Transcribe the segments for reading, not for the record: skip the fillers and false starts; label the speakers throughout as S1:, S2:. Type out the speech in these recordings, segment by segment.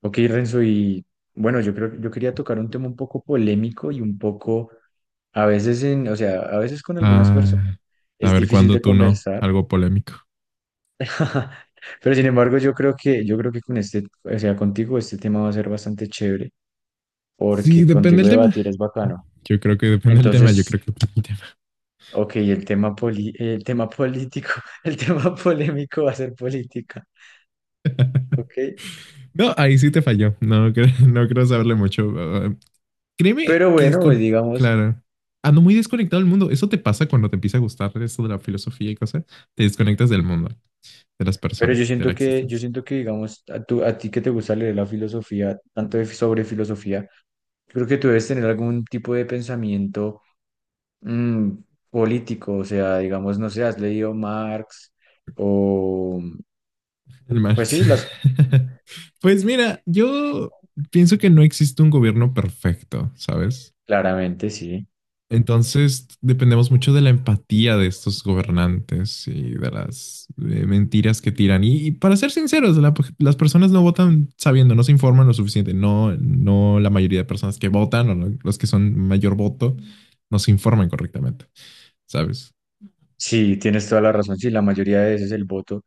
S1: Ok, Renzo, y bueno, yo creo que yo quería tocar un tema un poco polémico y un poco, a veces en, o sea, a veces con algunas personas
S2: Ah, a
S1: es
S2: ver
S1: difícil
S2: cuándo
S1: de
S2: tú no,
S1: conversar.
S2: algo polémico.
S1: Pero sin embargo yo creo que con o sea, contigo este tema va a ser bastante chévere,
S2: Sí,
S1: porque
S2: depende
S1: contigo
S2: del tema.
S1: debatir es bacano.
S2: Yo creo que depende del tema. Yo
S1: Entonces,
S2: creo que depende del tema.
S1: ok, el tema político, el tema polémico va a ser política, ok,
S2: No, ahí sí te falló. No, no creo saberle mucho. Créeme
S1: pero
S2: que es
S1: bueno, pues
S2: con.
S1: digamos.
S2: Claro. Ando muy desconectado del mundo. Eso te pasa cuando te empieza a gustar eso de la filosofía y cosas. Te desconectas del mundo, de las
S1: Pero
S2: personas, de la
S1: yo
S2: existencia.
S1: siento que, digamos, a ti que te gusta leer la filosofía, sobre filosofía, creo que tú debes tener algún tipo de pensamiento mm, político, o sea, digamos, no sé, has leído Marx o,
S2: El
S1: pues
S2: Marx.
S1: sí, las,
S2: Pues mira, yo pienso que no existe un gobierno perfecto, ¿sabes?
S1: claramente sí.
S2: Entonces, dependemos mucho de la empatía de estos gobernantes y de las mentiras que tiran. Y para ser sinceros, las personas no votan sabiendo, no se informan lo suficiente. No, no la mayoría de personas que votan o los que son mayor voto no se informan correctamente, ¿sabes?
S1: Sí, tienes toda la razón. Sí, la mayoría de veces el voto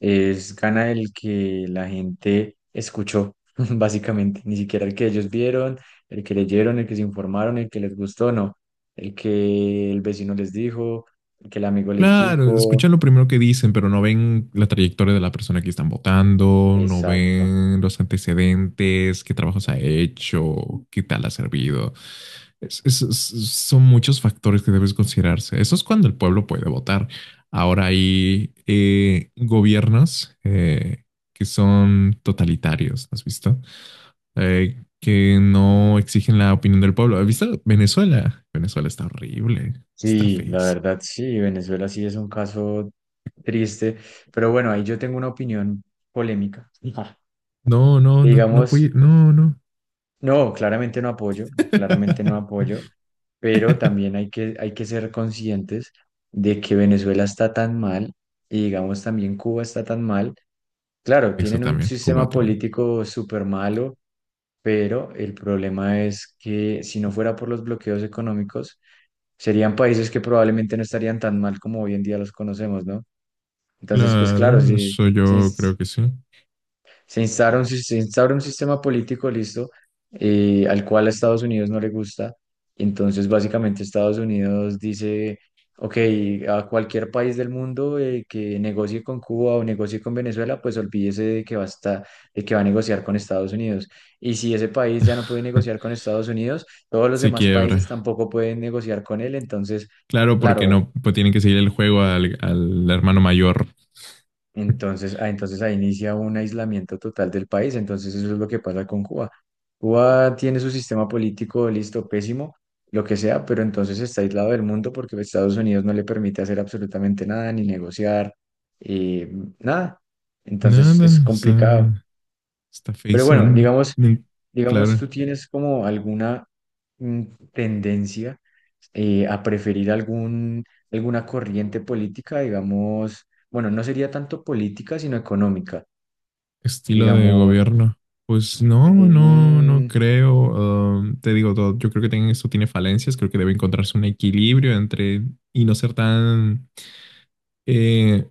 S1: es gana el que la gente escuchó, básicamente. Ni siquiera el que ellos vieron, el que leyeron, el que se informaron, el que les gustó, no. El que el vecino les dijo, el que el amigo les
S2: Claro,
S1: dijo.
S2: escuchan lo primero que dicen, pero no ven la trayectoria de la persona que están votando, no
S1: Exacto.
S2: ven los antecedentes, qué trabajos ha hecho, qué tal ha servido. Es- es- es- Son muchos factores que debes considerarse. Eso es cuando el pueblo puede votar. Ahora hay gobiernos que son totalitarios, ¿has visto? Que no exigen la opinión del pueblo. ¿Has visto Venezuela? Venezuela está horrible, está
S1: Sí, la
S2: feísimo.
S1: verdad, sí, Venezuela sí es un caso triste, pero bueno, ahí yo tengo una opinión polémica.
S2: No, no, no, no puede,
S1: Digamos,
S2: no, no.
S1: no, claramente no apoyo, claramente no apoyo. Pero también hay que ser conscientes de que Venezuela está tan mal y digamos también Cuba está tan mal. Claro,
S2: Eso
S1: tienen un
S2: también, Cuba
S1: sistema
S2: también.
S1: político súper malo, pero el problema es que si no fuera por los bloqueos económicos, serían países que probablemente no estarían tan mal como hoy en día los conocemos, ¿no? Entonces, pues claro,
S2: Claro, eso
S1: si
S2: yo creo que sí.
S1: se instaura un sistema político, listo, al cual a Estados Unidos no le gusta. Entonces, básicamente, Estados Unidos dice, ok, a cualquier país del mundo que negocie con Cuba o negocie con Venezuela, pues olvídese de que va a estar- de que va a negociar con Estados Unidos. Y si ese país ya no puede negociar con Estados Unidos, todos los
S2: Se
S1: demás países
S2: quiebra.
S1: tampoco pueden negociar con él. Entonces,
S2: Claro, porque
S1: claro,
S2: no, pues tienen que seguir el juego al hermano mayor.
S1: entonces, entonces ahí inicia un aislamiento total del país. Entonces eso es lo que pasa con Cuba. Cuba tiene su sistema político listo, pésimo, lo que sea, pero entonces está aislado del mundo porque Estados Unidos no le permite hacer absolutamente nada, ni negociar, eh, nada. Entonces es
S2: Nada, o
S1: complicado.
S2: sea, está
S1: Pero
S2: feísimo.
S1: bueno, digamos... Digamos,
S2: Claro.
S1: ¿tú tienes como alguna mm, tendencia a preferir alguna corriente política, digamos, bueno, no sería tanto política, sino económica,
S2: Estilo de
S1: digamos,
S2: gobierno. Pues no, no, no
S1: en-
S2: creo. Te digo todo, yo creo que esto tiene falencias, creo que debe encontrarse un equilibrio entre y no ser tan eh,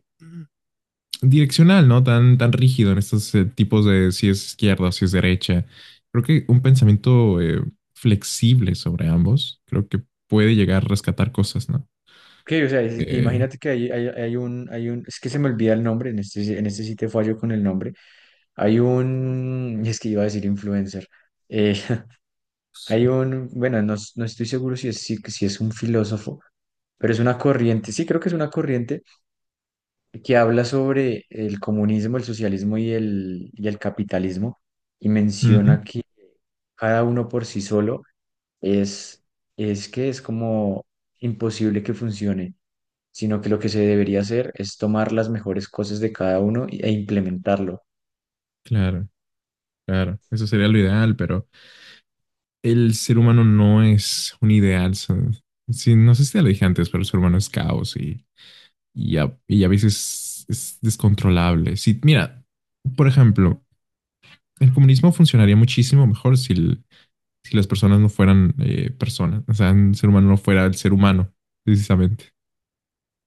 S2: direccional, ¿no? Tan rígido en estos tipos de si es izquierda o si es derecha. Creo que un pensamiento flexible sobre ambos, creo que puede llegar a rescatar cosas, ¿no?
S1: que, o sea,
S2: Eh,
S1: imagínate que es que se me olvida el nombre, en este, en este sitio fallo con el nombre, hay un, es que iba a decir influencer, eh, hay un, bueno, no, no estoy seguro si es un filósofo, pero es una corriente, sí, creo que es una corriente que habla sobre el comunismo, el socialismo y el capitalismo, y
S2: Ujú,
S1: menciona que cada uno por sí solo es, es que es como imposible que funcione, sino que lo que se debería hacer es tomar las mejores cosas de cada uno e implementarlo.
S2: claro, claro, eso sería lo ideal, pero el ser humano no es un ideal. Sí, no sé si te lo dije antes, pero el ser humano es caos y y a veces es descontrolable. Sí, mira, por ejemplo, el comunismo funcionaría muchísimo mejor si las personas no fueran personas, o sea, el ser humano no fuera el ser humano, precisamente.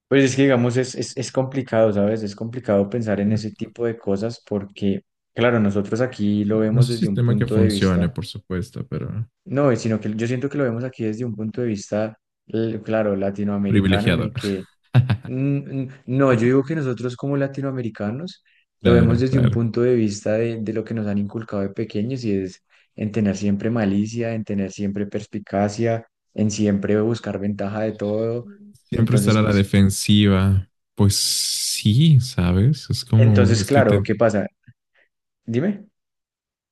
S1: Pues es que, digamos, es complicado, ¿sabes? Es complicado pensar en ese tipo de cosas porque, claro, nosotros aquí lo
S2: Claro, no es
S1: vemos
S2: un
S1: desde un
S2: sistema que
S1: punto de
S2: funcione,
S1: vista.
S2: por supuesto, pero
S1: No, y sino que yo siento que lo vemos aquí desde un punto de vista, claro, latinoamericano, en
S2: privilegiado.
S1: el que, mm, no, yo digo que nosotros como latinoamericanos lo vemos
S2: Claro,
S1: desde un
S2: claro.
S1: punto de vista de lo que nos han inculcado de pequeños y es en tener siempre malicia, en tener siempre perspicacia, en siempre buscar ventaja de todo.
S2: Siempre estar
S1: Entonces,
S2: a la
S1: pues,
S2: defensiva. Pues sí, ¿sabes? Es como,
S1: entonces,
S2: es que
S1: claro,
S2: te,
S1: ¿qué pasa? Dime.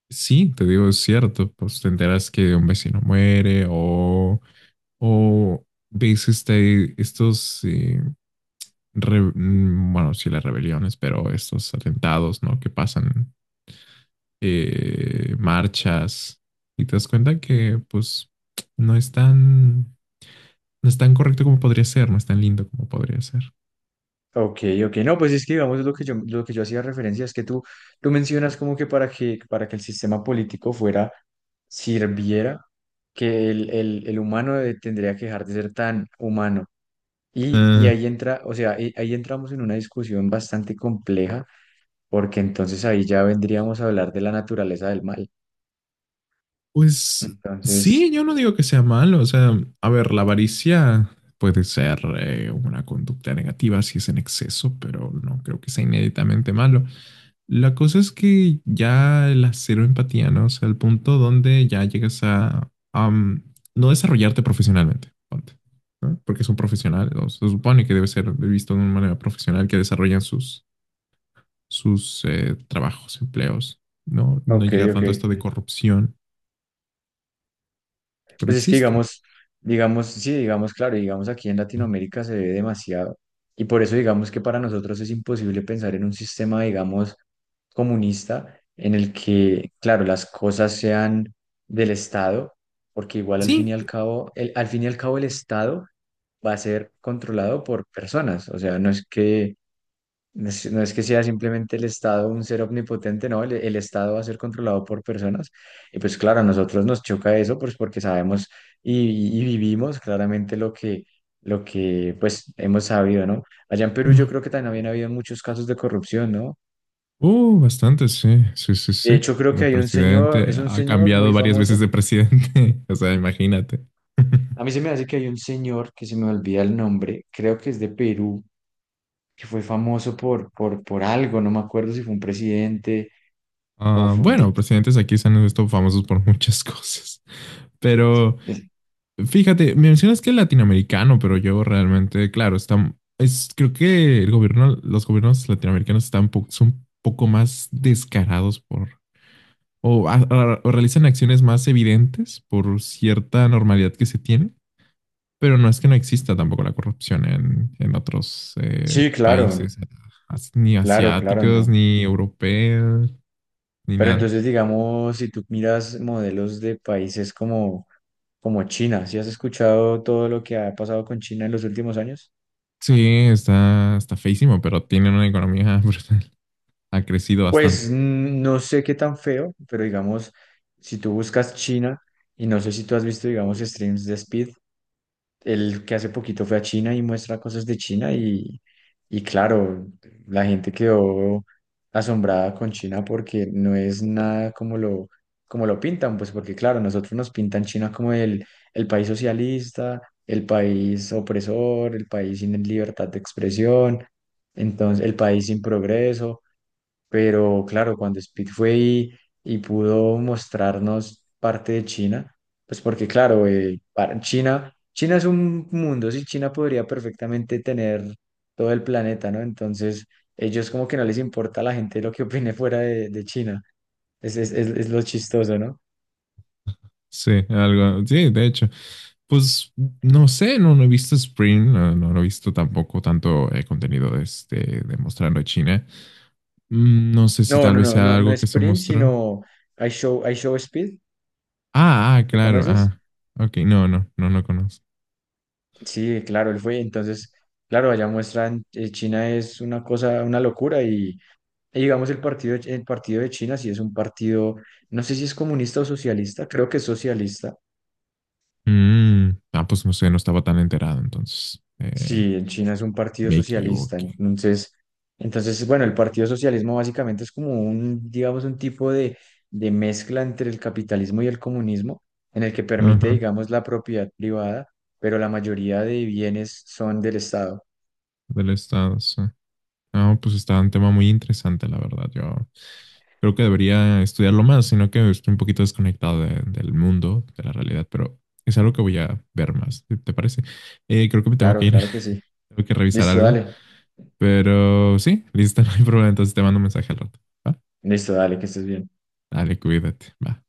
S2: Sí, te digo, es cierto, pues te enteras que un vecino muere o ves bueno, sí las rebeliones, pero estos atentados, ¿no? Que pasan marchas y te das cuenta que pues no es tan, no es tan correcto como podría ser, no es tan lindo como podría ser.
S1: Ok, ok, no, pues es que digamos lo que yo hacía referencia es que tú mencionas como que para que el sistema político sirviera, que el tendría que dejar de ser tan humano. Y ahí entra, o sea, ahí entramos en una discusión bastante compleja, porque entonces ahí ya vendríamos a hablar de la naturaleza del mal.
S2: Pues sí,
S1: Entonces,
S2: yo no digo que sea malo. O sea, a ver, la avaricia puede ser una conducta negativa si es en exceso, pero no creo que sea inéditamente malo. La cosa es que ya la cero empatía, ¿no? O sea, el punto donde ya llegas a no desarrollarte profesionalmente, ponte, ¿no? Porque es un profesional, o se supone que debe ser visto de una manera profesional que desarrollan sus trabajos, empleos, ¿no? No
S1: ok,
S2: llega
S1: ok.
S2: tanto a esto de corrupción, pero
S1: Pues es que
S2: existe.
S1: digamos, digamos, sí, digamos, claro, digamos aquí en Latinoamérica se ve demasiado y por eso digamos que para nosotros es imposible pensar en un sistema, digamos, comunista en el que, claro, las cosas sean del Estado, porque igual al fin y
S2: Sí,
S1: al cabo, al fin y al cabo el Estado va a ser controlado por personas, o sea, no es, no es que sea simplemente el Estado un ser omnipotente, no, el Estado va a ser controlado por personas. Y pues claro, a nosotros nos choca eso, pues porque sabemos y vivimos claramente lo que pues hemos sabido, ¿no? Allá en Perú yo creo que también había muchos casos de corrupción, ¿no?
S2: uh, bastante, sí, sí, sí, sí.
S1: De hecho, creo que
S2: El
S1: hay un
S2: presidente
S1: señor, es un
S2: ha
S1: señor
S2: cambiado
S1: muy
S2: varias veces
S1: famoso.
S2: de presidente, o sea, imagínate.
S1: A mí se me hace que hay un señor que se me olvida el nombre, creo que es de Perú, que fue famoso por algo, no me acuerdo si fue un presidente o
S2: Ah,
S1: fue un
S2: bueno,
S1: dictador.
S2: presidentes aquí se han visto famosos por muchas cosas, pero fíjate, mencionas que es latinoamericano, pero yo realmente, claro, está, es, creo que el gobierno, los gobiernos latinoamericanos están son un poco más descarados por, o, o realizan acciones más evidentes por cierta normalidad que se tiene. Pero no es que no exista tampoco la corrupción en otros
S1: Sí, claro,
S2: países, ni
S1: claro, claro,
S2: asiáticos,
S1: no.
S2: ni europeos, ni
S1: Pero
S2: nada.
S1: entonces, digamos, si tú miras modelos de países como China, ¿sí has escuchado todo lo que ha pasado con China en los últimos años?
S2: Sí, está, está feísimo, pero tiene una economía brutal. Ha crecido
S1: Pues
S2: bastante.
S1: mm, no sé qué tan feo, pero digamos, si tú buscas China, y no sé si tú has visto, digamos, streams de Speed, el que hace poquito fue a China y muestra cosas de China y claro, la gente quedó asombrada con China porque no es nada como como lo pintan, pues porque claro, nosotros nos pintan China como el país socialista, el país opresor, el país sin libertad de expresión, entonces el país sin progreso. Pero claro, cuando Speed fue y pudo mostrarnos parte de China, pues porque claro, China, China es un mundo, sí, China podría perfectamente tener todo el planeta, ¿no? Entonces, ellos como que no les importa a la gente lo que opine fuera de China. Es lo chistoso, ¿no?
S2: Sí, algo, sí, de hecho. Pues no sé, no, no he visto Spring, no, no, no he visto tampoco tanto contenido de, este, de mostrando China. No sé si
S1: No,
S2: tal
S1: no,
S2: vez
S1: no,
S2: sea
S1: no, no
S2: algo que
S1: es
S2: se
S1: Prince,
S2: mostró.
S1: sino I Show, I Show Speed,
S2: Ah, ah,
S1: ¿lo
S2: claro,
S1: conoces?
S2: ah, ok, no, no, no, no conozco.
S1: Sí, claro, él fue. Entonces, claro, allá muestran, China es una cosa, una locura. Y digamos, el partido de China sí es un partido, no sé si es comunista o socialista, creo que es socialista.
S2: Mm, ah, pues no sé, no estaba tan enterado, entonces
S1: Sí, en China es un partido
S2: me
S1: socialista.
S2: equivoqué.
S1: Entonces, entonces, bueno, el partido socialismo básicamente es como un, digamos, un tipo de mezcla entre el capitalismo y el comunismo, en el que permite,
S2: Ajá,
S1: digamos, la propiedad privada, pero la mayoría de bienes son del Estado.
S2: del estado, sí. Ah, pues está un tema muy interesante, la verdad. Yo creo que debería estudiarlo más, sino que estoy un poquito desconectado del mundo, de la realidad, pero es algo que voy a ver más, te parece? Creo que me tengo que
S1: Claro,
S2: ir,
S1: claro que sí.
S2: tengo que revisar
S1: Listo,
S2: algo,
S1: dale.
S2: pero sí, listo, no hay problema, entonces te mando un mensaje al rato. ¿Va?
S1: Listo, dale, que estés bien.
S2: Dale, cuídate, va.